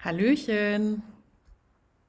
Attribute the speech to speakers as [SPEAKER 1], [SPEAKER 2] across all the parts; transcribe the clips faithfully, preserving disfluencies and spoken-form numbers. [SPEAKER 1] Hallöchen.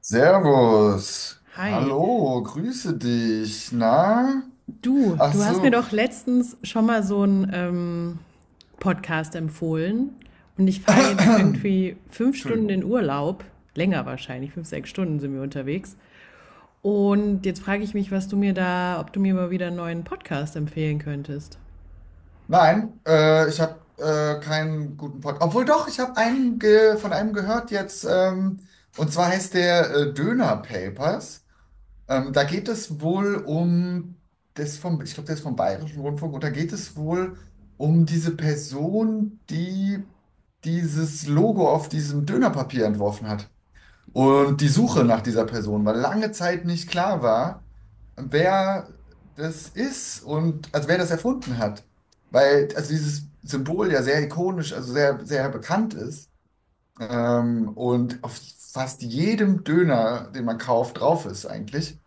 [SPEAKER 2] Servus,
[SPEAKER 1] Hi.
[SPEAKER 2] hallo, grüße dich. Na?
[SPEAKER 1] Du,
[SPEAKER 2] Ach
[SPEAKER 1] du hast mir
[SPEAKER 2] so.
[SPEAKER 1] doch letztens schon mal so einen ähm, Podcast empfohlen und ich fahre jetzt irgendwie fünf Stunden
[SPEAKER 2] Entschuldigung.
[SPEAKER 1] in Urlaub, länger wahrscheinlich, fünf, sechs Stunden sind wir unterwegs. Und jetzt frage ich mich, was du mir da, ob du mir mal wieder einen neuen Podcast empfehlen könntest.
[SPEAKER 2] Nein, äh, Ich habe äh, keinen guten Podcast. Obwohl doch, ich habe einen ge von einem gehört jetzt. Ähm, und zwar heißt der äh, Döner Papers. Ähm, da geht es wohl um das vom, ich glaube, das ist vom Bayerischen Rundfunk. Und da geht es wohl um diese Person, die dieses Logo auf diesem Dönerpapier entworfen hat. Und die Suche nach dieser Person, weil lange Zeit nicht klar war, wer das ist und also wer das erfunden hat. Weil also dieses Symbol ja sehr ikonisch, also sehr, sehr bekannt ist ähm, und auf fast jedem Döner, den man kauft, drauf ist eigentlich.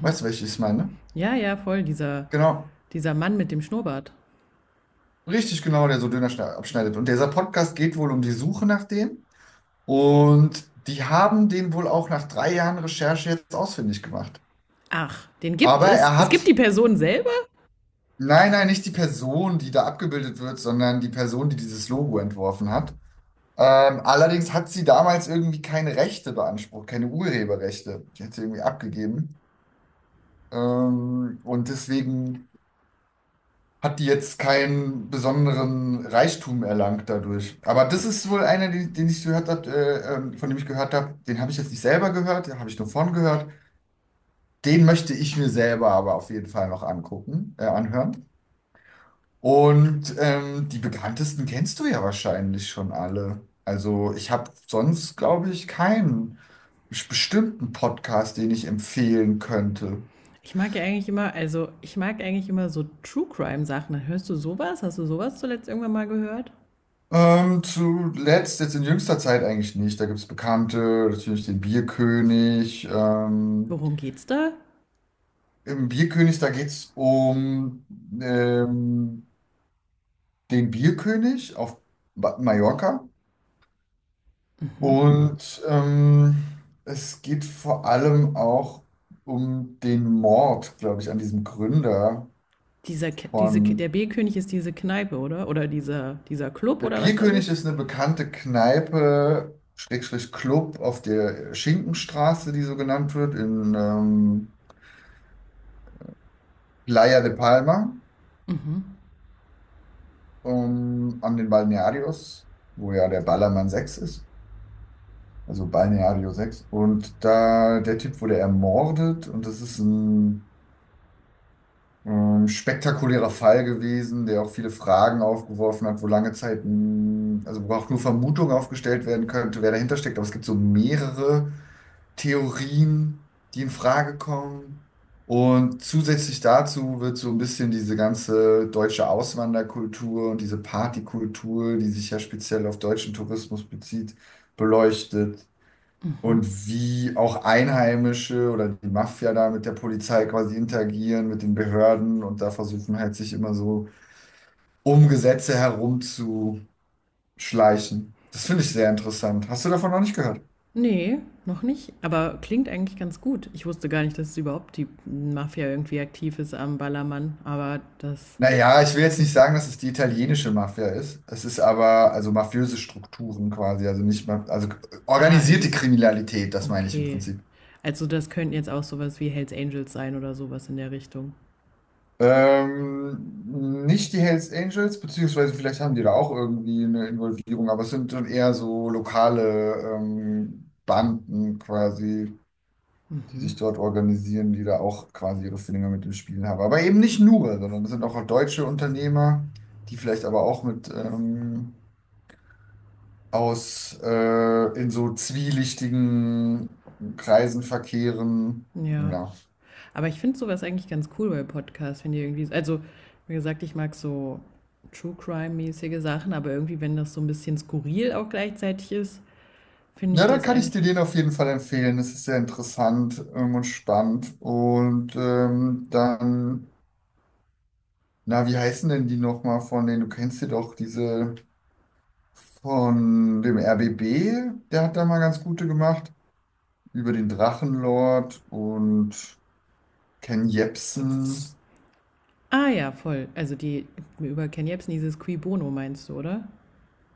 [SPEAKER 2] Weißt du, welches ich meine?
[SPEAKER 1] Ja, ja, voll, dieser,
[SPEAKER 2] Genau,
[SPEAKER 1] dieser Mann mit dem Schnurrbart.
[SPEAKER 2] richtig genau, der so Döner schne- abschneidet. Und dieser Podcast geht wohl um die Suche nach dem. Und die haben den wohl auch nach drei Jahren Recherche jetzt ausfindig gemacht.
[SPEAKER 1] Ach, den gibt
[SPEAKER 2] Aber
[SPEAKER 1] es.
[SPEAKER 2] er
[SPEAKER 1] Es
[SPEAKER 2] hat
[SPEAKER 1] gibt die Person selbst.
[SPEAKER 2] nein, nein, nicht die Person, die da abgebildet wird, sondern die Person, die dieses Logo entworfen hat. Ähm, allerdings hat sie damals irgendwie keine Rechte beansprucht, keine Urheberrechte. Die hat sie irgendwie abgegeben. Ähm, und deswegen hat die jetzt keinen besonderen Reichtum erlangt dadurch. Aber das ist wohl einer, den, den ich gehört habe, äh, ähm, von dem ich gehört habe. Den habe ich jetzt nicht selber gehört, den habe ich nur von gehört. Den möchte ich mir selber aber auf jeden Fall noch angucken, äh, anhören. Und ähm, die bekanntesten kennst du ja wahrscheinlich schon alle. Also ich habe sonst, glaube ich, keinen bes- bestimmten Podcast, den ich empfehlen könnte.
[SPEAKER 1] Ich mag ja eigentlich immer, also ich mag eigentlich immer so True Crime Sachen. Hörst du sowas? Hast du sowas zuletzt irgendwann mal gehört?
[SPEAKER 2] Ähm, zuletzt, jetzt in jüngster Zeit eigentlich nicht. Da gibt es Bekannte, natürlich den Bierkönig. Ähm,
[SPEAKER 1] Worum geht's da?
[SPEAKER 2] Im Bierkönig, da geht es um ähm, den Bierkönig auf Ba- Mallorca. Und ähm, es geht vor allem auch um den Mord, glaube ich, an diesem Gründer
[SPEAKER 1] Dieser, K- diese, K- Der
[SPEAKER 2] von.
[SPEAKER 1] B-König ist diese Kneipe, oder? Oder dieser, dieser Club
[SPEAKER 2] Der
[SPEAKER 1] oder was das
[SPEAKER 2] Bierkönig
[SPEAKER 1] ist?
[SPEAKER 2] ist eine bekannte Kneipe, Schrägstrich Club auf der Schinkenstraße, die so genannt wird, in ähm, Playa de Palma, um, an den Balnearios, wo ja der Ballermann sechs ist. Also Balneario sechs. Und da, der Typ wurde ermordet und das ist ein Ähm, spektakulärer Fall gewesen, der auch viele Fragen aufgeworfen hat, wo lange Zeit, mh, also wo auch nur Vermutungen aufgestellt werden könnte, wer dahinter steckt. Aber es gibt so mehrere Theorien, die in Frage kommen. Und zusätzlich dazu wird so ein bisschen diese ganze deutsche Auswanderkultur und diese Partykultur, die sich ja speziell auf deutschen Tourismus bezieht, beleuchtet. Und wie auch Einheimische oder die Mafia da mit der Polizei quasi interagieren, mit den Behörden und da versuchen halt sich immer so um Gesetze herumzuschleichen. Das finde ich sehr interessant. Hast du davon noch nicht gehört?
[SPEAKER 1] Nee, noch nicht. Aber klingt eigentlich ganz gut. Ich wusste gar nicht, dass es überhaupt die Mafia irgendwie aktiv ist am Ballermann. Aber das.
[SPEAKER 2] Naja, ich will jetzt nicht sagen, dass es die italienische Mafia ist. Es ist aber also mafiöse Strukturen quasi, also nicht mal, also
[SPEAKER 1] Ah, also
[SPEAKER 2] organisierte
[SPEAKER 1] so.
[SPEAKER 2] Kriminalität, das meine ich im
[SPEAKER 1] Okay.
[SPEAKER 2] Prinzip.
[SPEAKER 1] Also das könnten jetzt auch sowas wie Hells Angels sein oder sowas in der Richtung.
[SPEAKER 2] Ähm, nicht die Hells Angels, beziehungsweise vielleicht haben die da auch irgendwie eine Involvierung, aber es sind dann eher so lokale ähm, Banden quasi, die sich dort organisieren, die da auch quasi ihre Finger mit dem Spiel haben. Aber eben nicht nur, sondern es sind auch deutsche Unternehmer, die vielleicht aber auch mit ähm, aus äh, in so zwielichtigen Kreisen verkehren.
[SPEAKER 1] Ja.
[SPEAKER 2] Ja.
[SPEAKER 1] Aber ich finde sowas eigentlich ganz cool bei Podcasts, wenn die irgendwie, also wie gesagt, ich mag so True Crime-mäßige Sachen, aber irgendwie, wenn das so ein bisschen skurril auch gleichzeitig ist, finde ich
[SPEAKER 2] Ja, da
[SPEAKER 1] das
[SPEAKER 2] kann ich dir
[SPEAKER 1] eigentlich.
[SPEAKER 2] den auf jeden Fall empfehlen. Das ist sehr interessant ähm, und spannend. Und ähm, dann, na, wie heißen denn die nochmal von denen? Du kennst sie doch, diese von dem R B B, der hat da mal ganz gute gemacht. Über den Drachenlord und Ken Jebsen.
[SPEAKER 1] Ah ja, voll. Also die über Ken Jebsen, dieses Qui Bono meinst du, oder?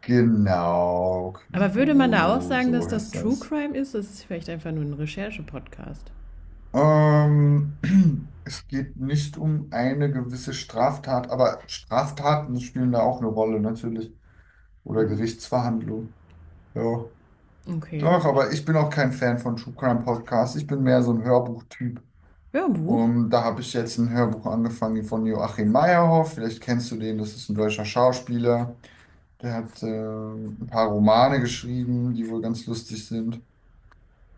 [SPEAKER 2] Genau, Cui
[SPEAKER 1] Aber würde man da auch
[SPEAKER 2] Bono,
[SPEAKER 1] sagen, dass
[SPEAKER 2] so
[SPEAKER 1] das
[SPEAKER 2] heißt
[SPEAKER 1] True
[SPEAKER 2] das.
[SPEAKER 1] Crime ist? Das ist vielleicht einfach nur ein Recherche-Podcast.
[SPEAKER 2] Ähm, Es geht nicht um eine gewisse Straftat, aber Straftaten spielen da auch eine Rolle, natürlich. Oder
[SPEAKER 1] Hm.
[SPEAKER 2] Gerichtsverhandlung. Ja.
[SPEAKER 1] Okay.
[SPEAKER 2] Doch, aber ich bin auch kein Fan von True Crime Podcasts. Ich bin mehr so ein Hörbuchtyp.
[SPEAKER 1] Ja, ein Buch.
[SPEAKER 2] Und da habe ich jetzt ein Hörbuch angefangen von Joachim Meyerhoff. Vielleicht kennst du den, das ist ein deutscher Schauspieler. Der hat äh, ein paar Romane geschrieben, die wohl ganz lustig sind.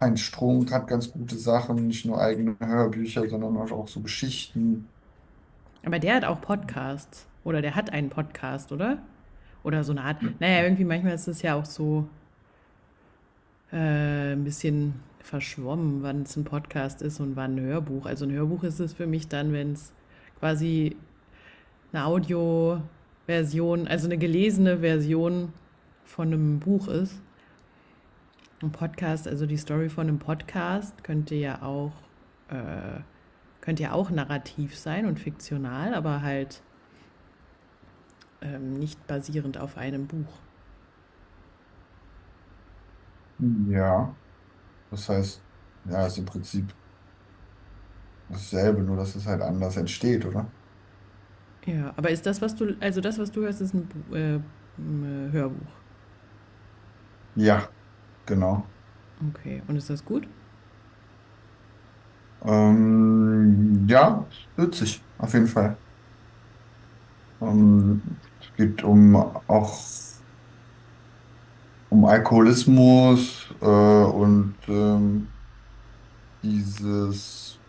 [SPEAKER 2] Heinz Strunk hat ganz gute Sachen, nicht nur eigene Hörbücher, sondern auch so Geschichten.
[SPEAKER 1] Aber der hat auch Podcasts. Oder der hat einen Podcast, oder? Oder so eine Art. Naja, irgendwie manchmal ist es ja auch so, äh, ein bisschen verschwommen, wann es ein Podcast ist und wann ein Hörbuch. Also ein Hörbuch ist es für mich dann, wenn es quasi eine Audioversion, also eine gelesene Version von einem Buch ist. Ein Podcast, also die Story von einem Podcast könnte ja auch, äh, könnte ja auch narrativ sein und fiktional, aber halt ähm, nicht basierend auf einem Buch.
[SPEAKER 2] Ja, das heißt, ja, ist im Prinzip dasselbe, nur dass es halt anders entsteht, oder?
[SPEAKER 1] Ja, aber ist das, was du, also das, was du hörst, ist ein, äh, ein äh, Hörbuch.
[SPEAKER 2] Ja, genau.
[SPEAKER 1] Okay, und ist das gut?
[SPEAKER 2] Ähm, ja, witzig, auf jeden Fall. Ähm, es geht um auch um Alkoholismus äh, und ähm, dieses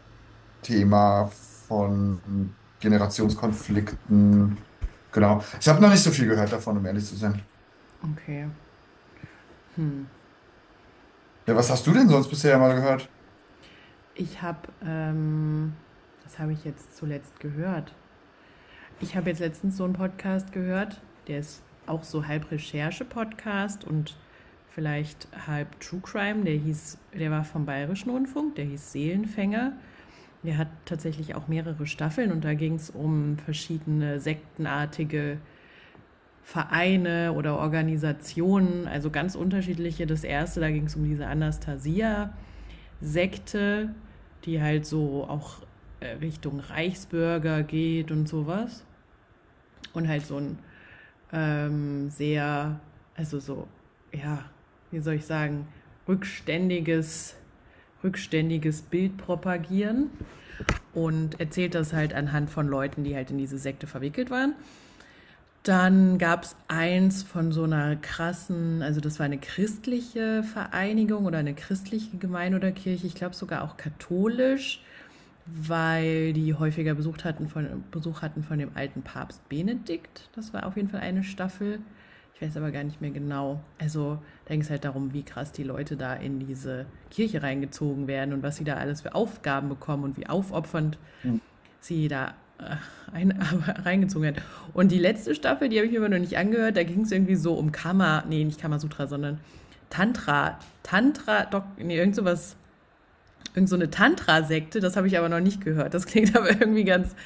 [SPEAKER 2] Thema von Generationskonflikten. Genau. Ich habe noch nicht so viel gehört davon, um ehrlich zu sein.
[SPEAKER 1] Okay. Hm.
[SPEAKER 2] Ja, was hast du denn sonst bisher mal gehört?
[SPEAKER 1] Ich habe, ähm, Das habe ich jetzt zuletzt gehört. Ich habe jetzt letztens so einen Podcast gehört, der ist auch so halb Recherche-Podcast und vielleicht halb True Crime. Der hieß, der war vom Bayerischen Rundfunk, der hieß Seelenfänger. Der hat tatsächlich auch mehrere Staffeln und da ging es um verschiedene sektenartige Vereine oder Organisationen, also ganz unterschiedliche. Das erste, da ging es um diese Anastasia Sekte, die halt so auch äh, Richtung Reichsbürger geht und sowas. Und halt so ein ähm, sehr, also so, ja, wie soll ich sagen, rückständiges, rückständiges Bild propagieren und erzählt das halt anhand von Leuten, die halt in diese Sekte verwickelt waren. Dann gab es eins von so einer krassen, also das war eine christliche Vereinigung oder eine christliche Gemeinde oder Kirche, ich glaube sogar auch katholisch, weil die häufiger Besuch hatten, von, Besuch hatten von dem alten Papst Benedikt. Das war auf jeden Fall eine Staffel. Ich weiß aber gar nicht mehr genau. Also da ging es halt darum, wie krass die Leute da in diese Kirche reingezogen werden und was sie da alles für Aufgaben bekommen und wie aufopfernd sie da äh, ein, reingezogen hat. Und die letzte Staffel, die habe ich mir immer noch nicht angehört, da ging es irgendwie so um Kama, nee, nicht Kamasutra, sondern Tantra, Tantra, Dok, nee, irgend sowas. Irgend so eine Tantra-Sekte, das habe ich aber noch nicht gehört. Das klingt aber irgendwie ganz,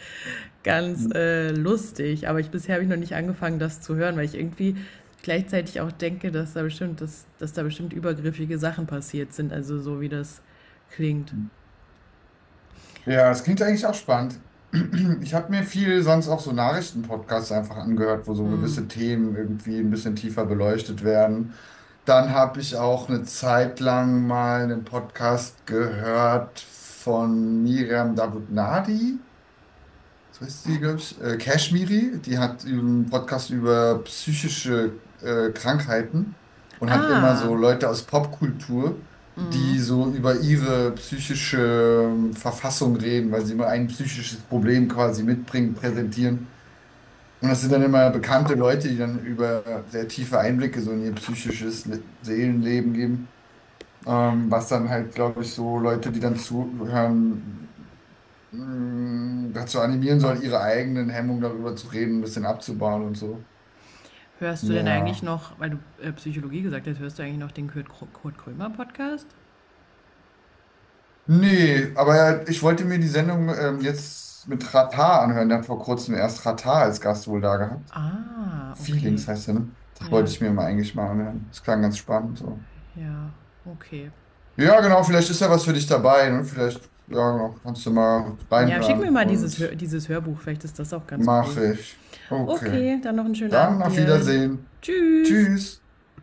[SPEAKER 1] ganz äh, lustig. Aber ich, bisher habe ich noch nicht angefangen, das zu hören, weil ich irgendwie gleichzeitig auch denke, dass da bestimmt, dass, dass da bestimmt übergriffige Sachen passiert sind. Also so wie das klingt.
[SPEAKER 2] Ja, das klingt eigentlich auch spannend. Ich habe mir viel sonst auch so Nachrichtenpodcasts einfach angehört, wo so gewisse Themen irgendwie ein bisschen tiefer beleuchtet werden. Dann habe ich auch eine Zeit lang mal einen Podcast gehört von Miriam Davutnadi, so ist sie glaube ich, äh, Kashmiri, die hat einen Podcast über psychische äh, Krankheiten und hat immer
[SPEAKER 1] Ah,
[SPEAKER 2] so Leute aus Popkultur, die so über ihre psychische ähm, Verfassung reden, weil sie immer ein psychisches Problem quasi mitbringen, präsentieren. Und das sind dann immer bekannte Leute, die dann über sehr tiefe Einblicke so in ihr psychisches Le Seelenleben geben. Ähm, was dann halt, glaube ich, so Leute, die dann zuhören, mh, dazu animieren soll, ihre eigenen Hemmungen darüber zu reden, ein bisschen abzubauen und so.
[SPEAKER 1] hörst du denn eigentlich
[SPEAKER 2] Ja.
[SPEAKER 1] noch, weil du äh, Psychologie gesagt hast, hörst du eigentlich noch den Kurt, Kr- Kurt Krömer Podcast?
[SPEAKER 2] Nee, aber ja, ich wollte mir die Sendung ähm, jetzt mit Ratar anhören. Der hat vor kurzem erst Ratar als Gast wohl da gehabt.
[SPEAKER 1] Ah, okay.
[SPEAKER 2] Feelings heißt der, ne? Das wollte
[SPEAKER 1] Ja,
[SPEAKER 2] ich mir mal eigentlich mal anhören. Das klang ganz spannend. So.
[SPEAKER 1] ja, okay.
[SPEAKER 2] Ja, genau, vielleicht ist ja was für dich dabei. Ne? Vielleicht, ja, genau, kannst du mal
[SPEAKER 1] Ja, schick mir
[SPEAKER 2] reinhören
[SPEAKER 1] mal dieses,
[SPEAKER 2] und
[SPEAKER 1] dieses Hörbuch, vielleicht ist das auch ganz cool.
[SPEAKER 2] mache ich. Okay.
[SPEAKER 1] Okay, dann noch einen schönen
[SPEAKER 2] Dann
[SPEAKER 1] Abend
[SPEAKER 2] auf
[SPEAKER 1] dir.
[SPEAKER 2] Wiedersehen.
[SPEAKER 1] Tschüss.
[SPEAKER 2] Tschüss.